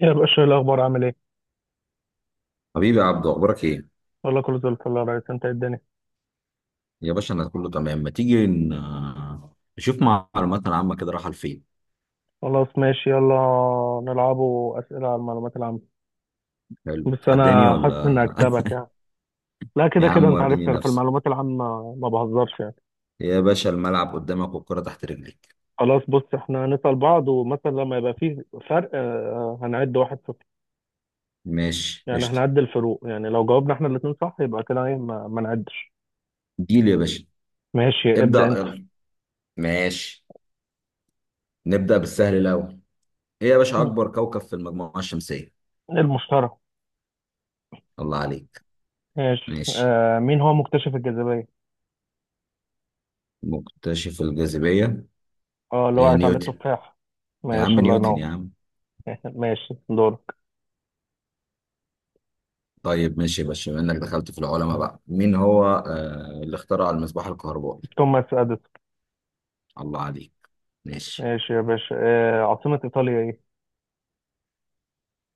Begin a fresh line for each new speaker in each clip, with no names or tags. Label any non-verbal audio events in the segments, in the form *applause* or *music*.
يا باشا إيه الأخبار عامل إيه؟
حبيبي يا عبدو، اخبارك ايه؟
والله كله زي الفل يا ريس، أنت إيه الدنيا.
يا باشا انا كله تمام. ما تيجي نشوف معلوماتنا العامه كده رايحه لفين؟
خلاص، ماشي، يلا نلعبوا أسئلة على المعلومات العامة.
حلو،
بس
تحداني
أنا حاسس إني
ولا؟
هكسبك يعني.
*laughs*
لا كده
يا
كده
عم
أنت عرفت
وريني
أنا في
نفسك.
المعلومات العامة ما بهزرش يعني.
يا باشا الملعب قدامك والكره تحت رجليك.
خلاص، بص، إحنا هنسأل بعض ومثلا لما يبقى فيه فرق هنعد واحد صفر.
ماشي
يعني
قشطه.
هنعد الفروق، يعني لو جاوبنا إحنا الاتنين صح يبقى كده إيه ما نعدش.
جيل يا باشا.
ماشي،
ابدا
ابدأ أنت.
يلا. ماشي. نبدا بالسهل الاول. ايه يا باشا،
إيه،
اكبر كوكب في المجموعه الشمسيه؟
المشترى.
الله عليك.
ماشي.
ماشي.
آه، مين هو مكتشف الجاذبية؟
مكتشف الجاذبيه؟
اه، اللي
إيه،
وقعت على
نيوتن.
التفاح.
يا عم
ماشي، الله
نيوتن
ينور.
يا عم.
*laughs* ماشي، دورك.
طيب ماشي يا باشا، بما انك دخلت في العلماء بقى، مين هو اللي اخترع المصباح الكهربائي؟
توماس اديسون.
الله عليك. ماشي.
ماشي يا باشا، آه، عاصمة ايطاليا ايه.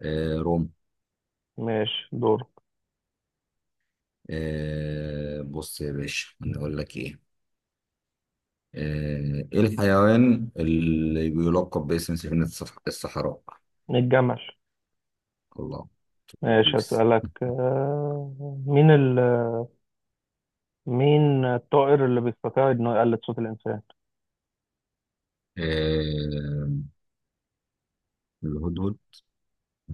روم.
ماشي، دورك.
بص يا باشا، نقول لك ايه، ايه الحيوان اللي بيلقب باسم سفينة الصحراء؟
الجمل.
الله.
ماشي،
دوس.
هسألك. آه، مين ال مين الطائر اللي بيستطيع انه يقلد صوت الانسان؟
آه الهدهد.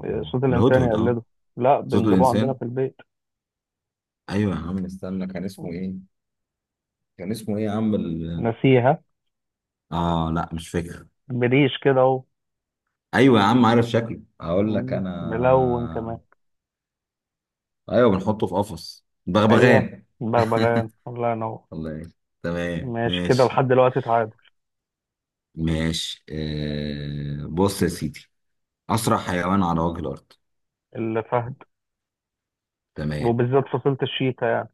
آه، صوت الانسان
الهدهد اه.
يقلده. لا،
صوت
بنجيبوه عندنا
الانسان.
في البيت.
ايوه يا عم استنى، كان اسمه ايه؟ كان اسمه ايه يا عم
نسيها.
اه لا مش فاكر.
بريش كده اهو.
ايوه يا عم، عارف شكله، هقول لك
ملون كمان.
انا. ايوه، بنحطه في قفص.
ايوه.
بغبغان.
بغبغان، الله ينور.
الله يعين. تمام
ماشي، كده
ماشي.
لحد دلوقتي تعادل.
ماشي، بص يا سيدي، اسرع حيوان على وجه الارض؟
الفهد.
تمام.
وبالذات فصيلة الشيتا يعني.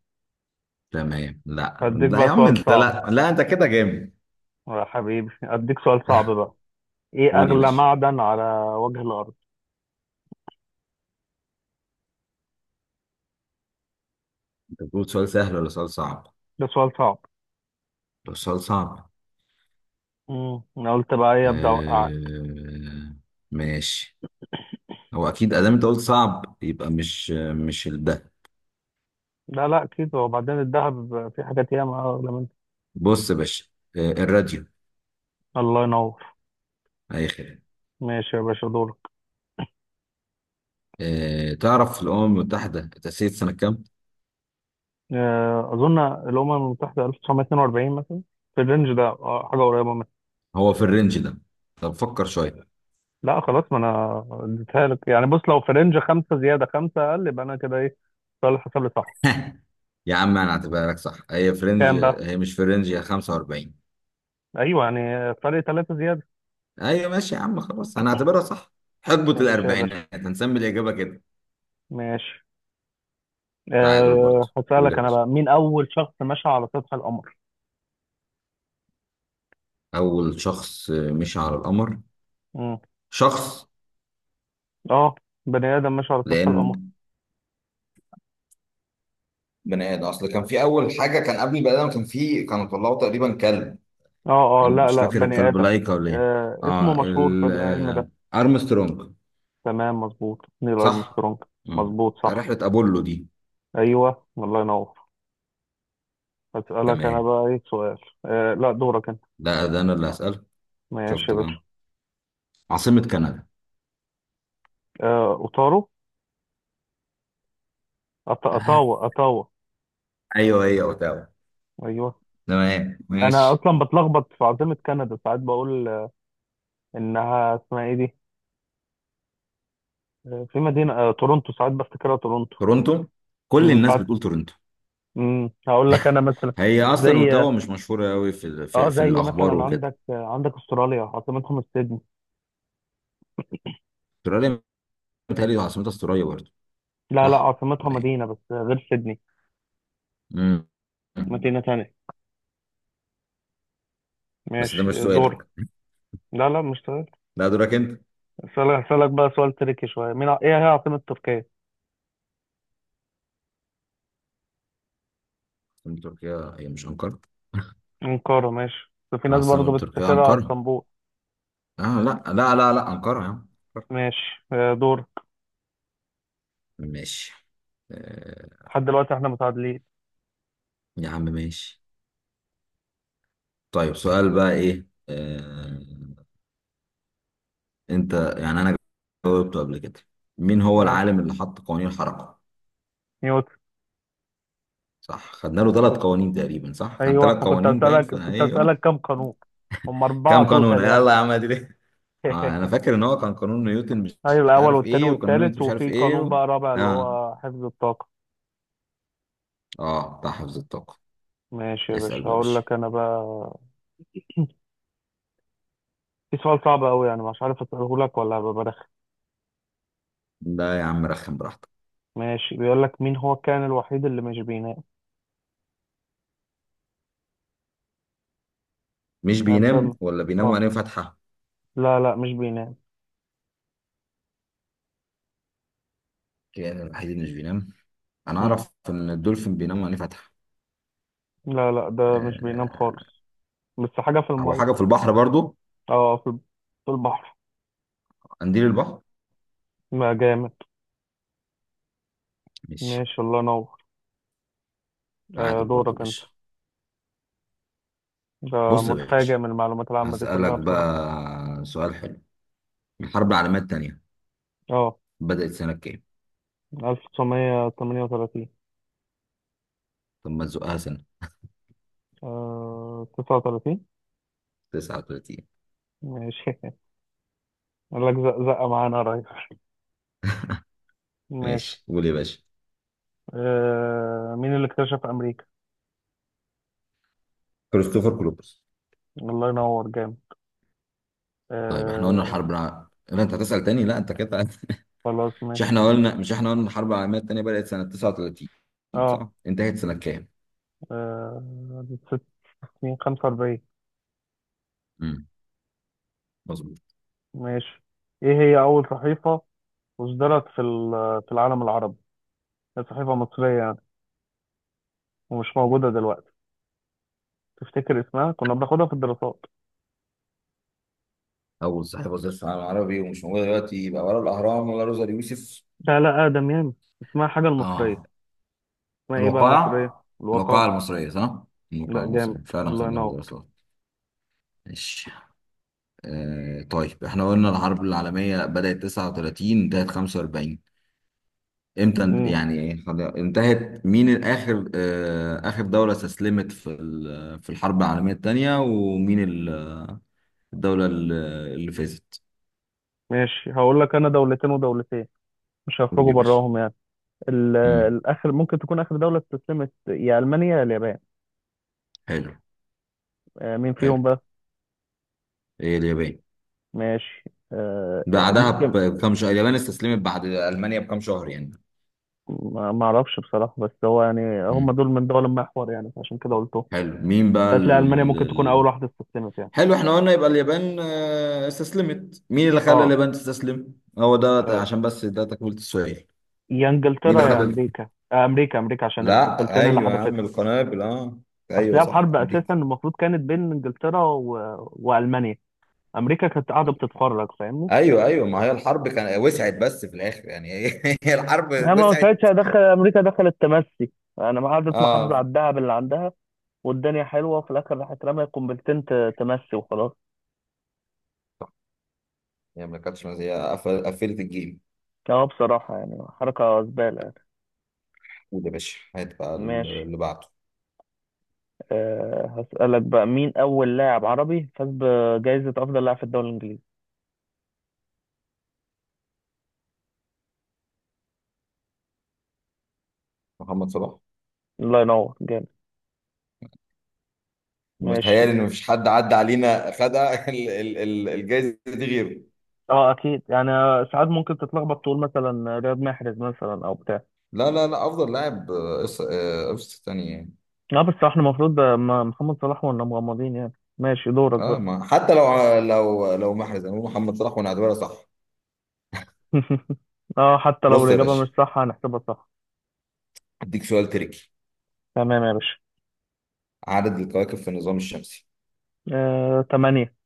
تمام، لا
هديك
لا يا
بقى
عم،
سؤال
انت
صعب،
لا لا، انت كده جامد.
يا حبيبي، أديك سؤال صعب بقى. إيه
قول يا
أغلى
باشا.
معدن على وجه الأرض؟
انت بتقول سؤال سهل ولا سؤال صعب؟
ده سؤال صعب.
ده سؤال صعب.
أنا قلت بقى إيه أبدأ أوقعك.
آه، ماشي. هو اكيد ادام انت قلت صعب يبقى مش ده.
لا لا أكيد، وبعدين الذهب، في حاجات ياما أغلى منه.
بص يا باشا، الراديو.
الله ينور.
اي خير.
ماشي يا باشا، دورك.
تعرف الأمم المتحدة تأسيس سنة كام؟
أظن الأمم المتحدة 1942 مثلا، في الرينج ده، حاجة قريبة منه.
هو في الرينج ده؟ طب فكر شوية. *laughs*
لا خلاص، ما أنا اديتها لك يعني. بص، لو في رينج خمسة زيادة خمسة أقل، يبقى أنا كده إيه، صالح حساب لي، صح؟
يا عم أنا هعتبرها لك صح، هي في رينج،
كام بقى؟
هي مش في رينج، هي 45.
أيوه يعني، فرق ثلاثة زيادة.
أيوة ماشي يا عم، خلاص أنا هعتبرها صح. حقبة
ماشي يا باشا.
الأربعينات هنسمي الإجابة كده.
ماشي.
تعادل
أه،
برضه. قول يا
هسألك أنا
باشا.
بقى، مين أول شخص مشى على سطح القمر؟
أول شخص مشي على القمر.
مم.
شخص.
أه، بني آدم مشى على سطح
لأن
القمر.
بني آدم أصل كان في أول حاجة، كان قبل البني آدم كان في، كانوا طلعوا تقريبا كلب.
أه أه،
يعني
لا
مش
لا،
فاكر،
بني
الكلب
آدم.
لايكا ولا إيه؟
أه، اسمه
آه
مشهور في
ال-
العلم
آه،
ده.
أرمسترونج.
تمام، مظبوط، نيل
صح.
أرمسترونج.
مم.
مظبوط، صح.
رحلة أبولو دي.
أيوه، الله ينور. هسألك أنا
تمام.
بقى إيه سؤال. أه لا، دورك أنت.
ده أنا اللي هسألك.
ماشي
شفت
يا باشا.
بقى. عاصمة كندا.
أه، أوتارو،
آه.
أطاوة، أطاوة.
أيوه هي أوتاوا.
أيوه.
تمام
أنا
ماشي.
أصلا بتلخبط في عاصمة كندا، ساعات بقول إنها اسمها إيه دي؟ في مدينة، تورونتو ساعات بفتكرها.
تورونتو. كل الناس
تورونتو.
بتقول تورونتو.
هقول لك انا مثلا،
هي أصلا
زي،
أوتاوا مش مشهورة أوي في
اه
في
زي
الأخبار
مثلا
وكده.
عندك، استراليا عاصمتها مش سيدني؟
أستراليا. متهيألي عاصمتها استراليا برضه.
لا لا،
صح
عاصمتها
ولا إيه؟
مدينة بس غير سيدني.
مم.
مدينة تانية.
بس ده مش
ماشي، دور.
سؤالك.
لا لا، مش تمام.
لا دورك أنت.
اسالك بقى سؤال تريكي شوية، ايه هي عاصمة تركيا؟
عاصمة تركيا هي مش أنقرة؟
أنقرة. ماشي، بس في ناس
عاصمة
برضه
تركيا
بتفتكرها على
أنقرة.
اسطنبول.
آه لا لا لا لا، أنقرة يا عم. أنقرة.
ماشي. دور.
ماشي، آه،
لحد دلوقتي احنا متعادلين.
يا عم ماشي. طيب سؤال بقى ايه انت. يعني انا جاوبته قبل كده. مين هو
ماشي.
العالم اللي حط قوانين الحركة؟
نيوتن.
صح، خدنا له ثلاث قوانين تقريبا، صح كان
ايوه،
ثلاث
ما كنت
قوانين باين
اسالك
في،
كنت
ايوه.
اسالك كم قانون. هم أربعة
كام قانون
توتال يعني.
يلا يا عم ادري. اه انا
*laughs*
فاكر ان هو كان قانون نيوتن مش
ايوه، الاول
عارف
والتاني
ايه، وقانون نيوتن
والتالت،
مش عارف
وفي
ايه
قانون بقى رابع اللي
اه.
هو حفظ الطاقه.
اه بتاع حفظ الطاقة.
ماشي يا
اسأل
باشا،
بقى يا
هقول
باشا.
لك انا بقى. *clears throat* في سؤال صعب قوي، يعني مش عارف اساله لك ولا هبقى برخم.
لا يا عم، رخم براحتك.
ماشي، بيقول لك مين هو الكائن الوحيد اللي مش بينام.
مش
يعني
بينام
ده،
ولا بينام
اه،
وعينيه فاتحة؟
لا لا، مش بينام.
الكائن الوحيد اللي مش بينام. انا
مم.
اعرف ان الدولفين بينام وعينيه فاتحة.
لا لا، ده مش بينام
آه،
خالص. بس حاجه في
هو
الميه.
حاجة في البحر برضو؟
اه، في البحر.
قنديل البحر.
ما جامد.
ماشي.
ماشي، الله ينور. آه،
تعادل برضو يا
دورك انت.
باشا.
ده
بص يا
متفاجئ
باشا،
من المعلومات العامه دي
هسألك
كلها بصراحه.
بقى سؤال حلو. الحرب العالمية التانية
اه،
بدأت سنة كام؟
1938.
طب ما تزقها سنة.
آه، 39.
39.
ماشي. *laughs* قال لك زق زقة معانا قريب. ماشي.
ماشي قول يا باشا.
آه، مين اللي اكتشف أمريكا؟
كريستوفر كولومبوس.
الله ينور، جامد.
طيب احنا قلنا
آه.
الحرب لا انت هتسأل تاني، لا انت كده.
خلاص،
*laughs* مش
ماشي.
احنا قلنا، الحرب العالمية التانية بدأت سنة 39،
اه،
صح؟ انتهت سنة كام؟
آه، ست سنين، خمسة وأربعين.
امم. مظبوط.
ماشي. ايه هي أول صحيفة أصدرت في العالم العربي؟ هي صحيفة مصرية يعني، ومش موجودة دلوقتي. تفتكر اسمها؟ كنا بناخدها في الدراسات.
أول صاحب وزير العالم العربي ومش موجود دلوقتي، يبقى ولا الأهرام ولا روزا اليوسف.
لا لا، آدم يعني، اسمها حاجة
اه.
المصرية. اسمها ايه بقى المصرية؟
الوقائع. الوقائع
الوقائع.
المصرية صح؟
لا،
الوقائع
جامد،
المصرية فعلا
الله
خدناها في
ينور.
دراسات. ماشي. طيب احنا قلنا الحرب العالمية بدأت 39 انتهت 45. امتى يعني ايه، انتهت مين الآخر، آخر دولة استسلمت في في الحرب العالمية الثانية، ومين الدولة اللي فازت.
ماشي، هقول لك انا دولتين ودولتين، مش
قول
هخرجوا
يا باشا.
براهم يعني.
مم.
الاخر ممكن تكون اخر دوله استسلمت، يا المانيا يا اليابان.
حلو.
مين فيهم
حلو.
بقى.
هي اليابان.
ماشي.
بعدها
ممكن.
بكم شهر، اليابان استسلمت بعد ألمانيا بكم شهر يعني.
ما ما اعرفش بصراحه، بس هو يعني هم
مم.
دول من دول المحور يعني، عشان كده قلتهم.
حلو، مين بقى
هتلاقي المانيا ممكن تكون اول واحده استسلمت يعني.
حلو، احنا قلنا يبقى اليابان استسلمت، مين اللي خلى
اه،
اليابان تستسلم، هو ده
آه،
عشان بس ده تكملة السؤال.
يا
مين
انجلترا
اللي
يا
خلى.
امريكا، امريكا، امريكا عشان
لا
القنبلتين اللي
ايوه يا عم،
حدفتهم.
القنابل اه.
اصل
ايوه
هي
صح
الحرب اساسا
امريكا.
المفروض كانت بين انجلترا والمانيا. امريكا كانت قاعده بتتفرج، فاهمني.
ايوه ايوه، ما هي الحرب كان وسعت بس في الاخر يعني. *laughs* هي الحرب
انا ما
وسعت.
ساعتها دخل امريكا دخل التمسي. انا ما قعدت محافظه على
اه
الدهب اللي عندها والدنيا حلوه، وفي الاخر راحت رمى قنبلتين تمسي وخلاص.
هي ما كانتش، هي قفلت الجيم.
اه، بصراحه يعني حركه زباله يعني.
قول يا باشا، هات بقى
ماشي.
اللي بعده.
أه، هسألك بقى، مين أول لاعب عربي فاز بجائزة أفضل لاعب في الدوري الإنجليزي؟
محمد صلاح.
الله ينور، جامد. ماشي.
متهيألي ان مفيش حد عدى علينا خد *laughs* الجايزه دي غيره.
اه اكيد يعني، ساعات ممكن تتلخبط تقول مثلا رياض محرز مثلا او بتاع.
لا لا لا، افضل لاعب، قفص تاني يعني.
اه بس احنا المفروض ده محمد صلاح، وانا مغمضين يعني. ماشي، دورك
اه
بقى.
ما حتى لو محرز، يعني محمد صلاح ونعتبرها صح.
*laughs* اه، حتى لو
بص يا
الإجابة مش
باشا،
صح هنحسبها صح.
اديك سؤال تريكي.
تمام يا باشا.
عدد الكواكب في النظام الشمسي.
تمانية.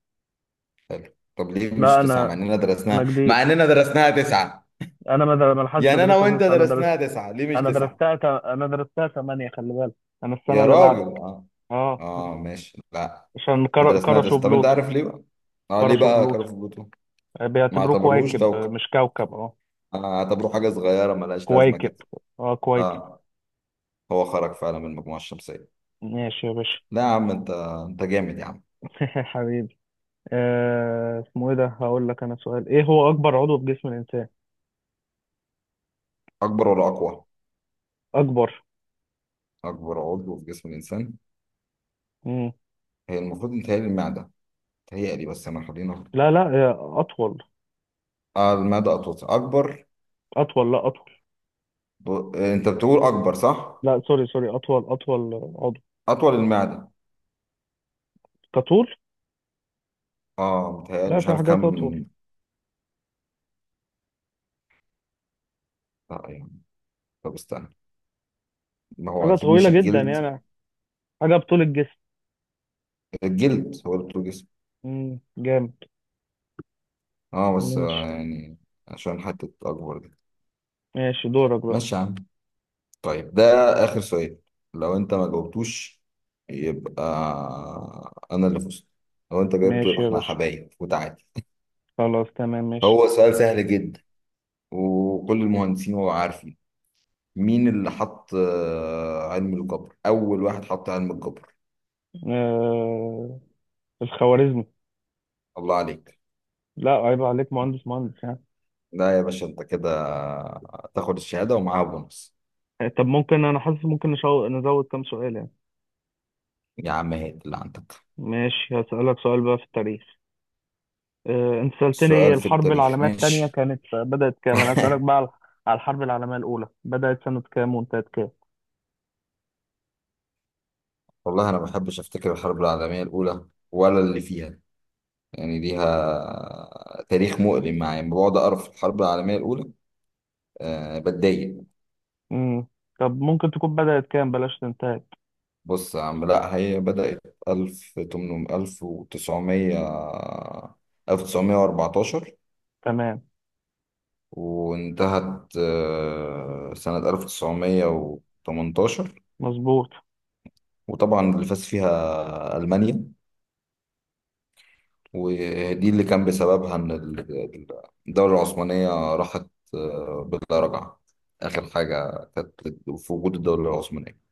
طب ليه مش
لا
تسعة؟ مع
أنا،
اننا
أنا
درسناها،
جديد،
تسعة.
أنا ما لحقتش
يعني انا
أدرسها
وانت
لسه، أنا درست.
درسناها تسعة، ليه مش
أنا
تسعة؟
أنا درستها تمانية، خلي بالك. أنا السنة
يا
اللي بعد.
راجل اه.
أه. *laughs*
اه ماشي لا.
عشان
ما درسناها
كرشوا
تسعة، طب انت
بلوتو.
عارف ليه بقى. اه ليه
كرشوا
بقى؟ كانوا
بلوتو.
في بلوتو. ما
بيعتبروه
اعتبروهوش
كويكب،
كوكب.
مش كوكب. أه،
اعتبروه حاجة صغيرة ملهاش لازمة
كويكب.
كده.
أه كويكب.
اه، هو خرج فعلا من المجموعة الشمسية.
ماشي يا باشا.
لا يا عم انت جامد يا عم.
*laughs* حبيبي. اسمه إيه ده، هقول لك أنا سؤال، إيه هو أكبر عضو في جسم الإنسان.
اكبر ولا اقوى؟
أكبر.
اكبر عضو في جسم الانسان.
مم.
هي المفروض متهيألي المعده. متهيألي بس انا خلينا.
لا لا، أطول.
اه المعده اطول اكبر.
اطول، لا اطول.
انت بتقول اكبر صح؟
لا سوري سوري، اطول، اطول عضو.
اطول، المعده.
كطول.
اه متهيألي
لا
مش
في
عارف
حاجات اطول.
كام. لا يعني. طب استنى. ما هو
حاجه
اكيد مش
طويله جدا
الجلد.
يعني، حاجه بطول الجسم.
الجلد هو اللي بتقول جسم.
جامد.
اه بس
ماشي.
يعني. عشان حته اكبر دي.
ماشي، دورك بقى.
ماشي يا عم. طيب ده آخر سؤال، لو أنت ما جاوبتوش يبقى أنا اللي فزت، لو أنت جاوبته
ماشي
يبقى
يا
إحنا
باشا.
حبايب وتعادل.
خلاص، تمام، ماشي.
هو سؤال سهل جدا وكل المهندسين هو عارفين. مين اللي حط علم الجبر، أول واحد حط علم الجبر؟
آه... الخوارزمي.
الله عليك.
لا عيب عليك، مهندس مهندس يعني.
لا يا باشا، أنت كده تاخد الشهادة ومعاها بونص.
طب ممكن، انا حاسس ممكن نزود كام سؤال يعني.
يا عم هات اللي عندك.
ماشي، هسألك سؤال بقى في التاريخ. انت سألتني
السؤال في
الحرب
التاريخ
العالمية التانية
ماشي.
كانت بدأت كام، انا هسألك بقى على الحرب العالمية الأولى، بدأت سنة كام وانتهت كام.
والله أنا ما بحبش أفتكر الحرب العالمية الأولى ولا اللي فيها. يعني ليها تاريخ مؤلم معايا، لما بقعد أقرأ في الحرب العالمية الأولى أه بتضايق.
امم. طب ممكن تكون بدأت كام، بلاش تنتهي.
بص يا عم، لا هي بدأت ألف تمنمية ألف وتسعمية 1914.
تمام.
وانتهت سنة 1918.
مظبوط.
وطبعا اللي فاز فيها ألمانيا. ودي اللي كان بسببها إن الدولة العثمانية راحت بلا رجعة. آخر حاجة كانت في وجود الدولة العثمانية.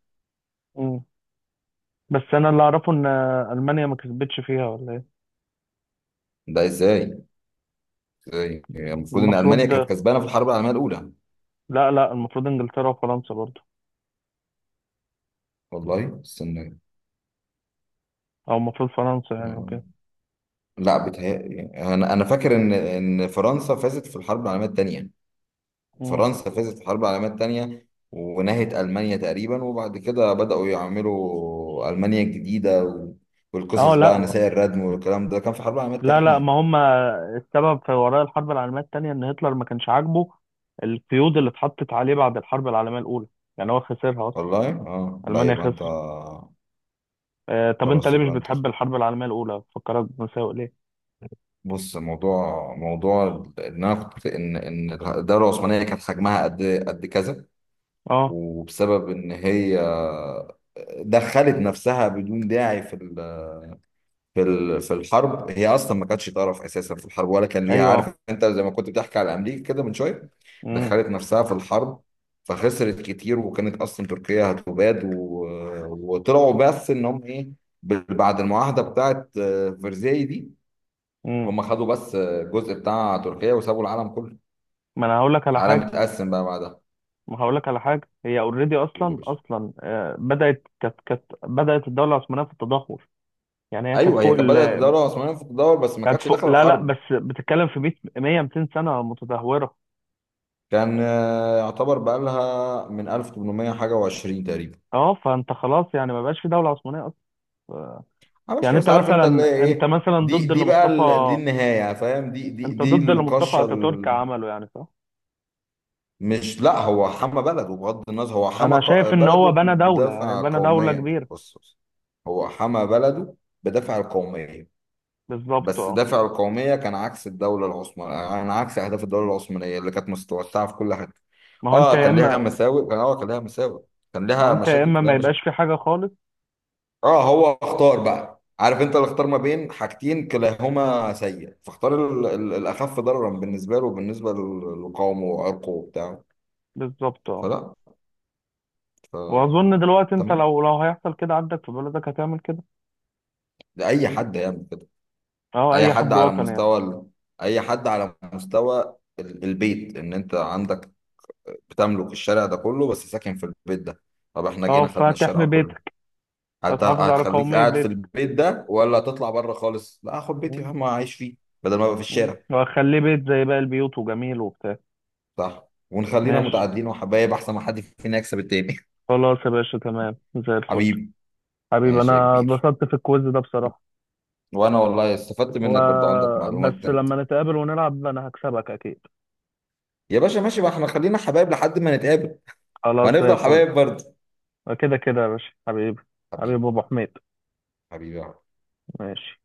امم. بس انا اللي اعرفه ان المانيا ما كسبتش فيها ولا ايه.
ده ازاي؟ ازاي؟ هي المفروض ان المانيا
المفروض،
كانت كسبانه في الحرب العالميه الاولى.
لا لا المفروض انجلترا وفرنسا برضو،
والله استنى.
او المفروض فرنسا يعني
آه،
وكده.
لا بتهيألي، انا فاكر ان فرنسا فازت في الحرب العالميه الثانيه.
امم.
فرنسا فازت في الحرب العالميه الثانيه ونهت المانيا تقريبا، وبعد كده بداوا يعملوا المانيا الجديده
اه
والقصص بقى،
لا
نساء الردم والكلام ده كان في الحرب العالميه
لا لا،
الثانيه.
ما هم السبب في وراء الحرب العالميه الثانيه ان هتلر ما كانش عاجبه القيود اللي اتحطت عليه بعد الحرب العالميه الاولى. يعني هو خسرها اصلا،
والله اه لا
المانيا
يبقى انت.
خسرت. آه، طب انت
خلاص
ليه مش
يبقى انت.
بتحب الحرب العالميه الاولى، فكرك بمساوئ ليه.
بص، موضوع ان انا كنت ان الدوله العثمانيه كانت حجمها قد كذا.
اه.
وبسبب ان هي دخلت نفسها بدون داعي في في في الحرب. هي اصلا ما كانتش طرف اساسا في الحرب ولا كان ليها،
ايوه.
عارف انت زي ما كنت بتحكي على امريكا كده من شويه. دخلت نفسها في الحرب فخسرت كتير، وكانت اصلا تركيا هتباد وطلعوا بس ان هم ايه، بعد المعاهده بتاعت فرساي دي،
امم.
هم خدوا بس الجزء بتاع تركيا وسابوا العالم كله.
ما انا هقول لك على
العالم
حاجه،
اتقسم بقى بعدها.
ما هقول لك على حاجه. هي اوريدي
قول يا
اصلا،
باشا.
اصلا بدات، كانت بدات الدوله العثمانيه في التدهور. يعني هي كانت
ايوه هي
فوق
كانت
ال
بدات الدوله العثمانيه في الدور بس ما
كانت
كانتش
فوق
داخله
لا لا،
الحرب.
بس بتتكلم في 100 100 200 سنه متدهوره.
كان يعتبر بقى لها من 1800 حاجه و20 تقريبا.
اه، فانت خلاص يعني ما بقاش في دوله عثمانيه اصلا. آه،
معلش
يعني
بس، عارف انت اللي هي
انت
ايه
مثلا
دي
ضد
دي
اللي
بقى
مصطفى،
دي النهايه يعني، فاهم، دي دي
انت
دي
ضد اللي مصطفى
القشه
اتاتورك عمله يعني، صح؟
مش لا، هو حمى بلده بغض النظر، هو حمى
انا شايف ان هو
بلده
بنى دوله، يعني
بدافع
بنى دوله
قوميا.
كبيره.
بص بص. هو حمى بلده بدافع القوميه.
بالظبط،
بس
اه.
دافع القومية كان عكس الدولة العثمانية، يعني عكس أهداف الدولة العثمانية اللي كانت متوسعة في كل حتة.
ما هو انت
اه
يا
كان ليها
اما
مساوئ، كان
ما هو
ليها
انت يا
مشاكل
اما
كان ليها
ما
مشاكل
يبقاش في حاجه خالص.
اه هو اختار بقى، عارف انت اللي اختار ما بين حاجتين كلاهما سيء، فاختار الأخف ضررا بالنسبة له وبالنسبة لقومه وعرقه وبتاعه.
بالظبط، اه.
فلا. ف...
واظن دلوقتي انت
تمام.
لو هيحصل كده عندك في بلدك هتعمل كده.
ده أي حد يعمل كده.
اه،
أي
اي
حد
حد
على
وطني يعني.
مستوى أي حد على مستوى البيت. ان انت عندك بتملك الشارع ده كله بس ساكن في البيت ده، طب احنا جينا
اه،
خدنا الشارع
فهتحمي
كله،
بيتك، هتحافظ على
هتخليك
قومية
قاعد في
بيتك.
البيت ده ولا هتطلع بره خالص؟ لا هاخد بيتي يا
مم.
عم اعيش فيه بدل ما ابقى في
مم.
الشارع.
وهخليه بيت زي باقي البيوت، وجميل وبتاع.
صح، ونخلينا
ماشي،
متعادلين وحبايب احسن ما حد فينا يكسب التاني.
خلاص يا باشا تمام زي
*laughs*
الفل.
حبيبي.
حبيبي،
ماشي يا
انا
كبير.
اتبسطت في الكويز ده بصراحة.
وانا والله استفدت
و...
منك برضو، عندك معلومات
بس
جديدة.
لما نتقابل ونلعب انا هكسبك اكيد.
يا باشا ماشي بقى، احنا خلينا حبايب لحد ما نتقابل.
خلاص، زي
وهنفضل
الفل.
حبايب برضو.
كده كده يا باشا، حبيبي. حبيبي
حبيبي.
ابو حميد.
حبيبي يا
ماشي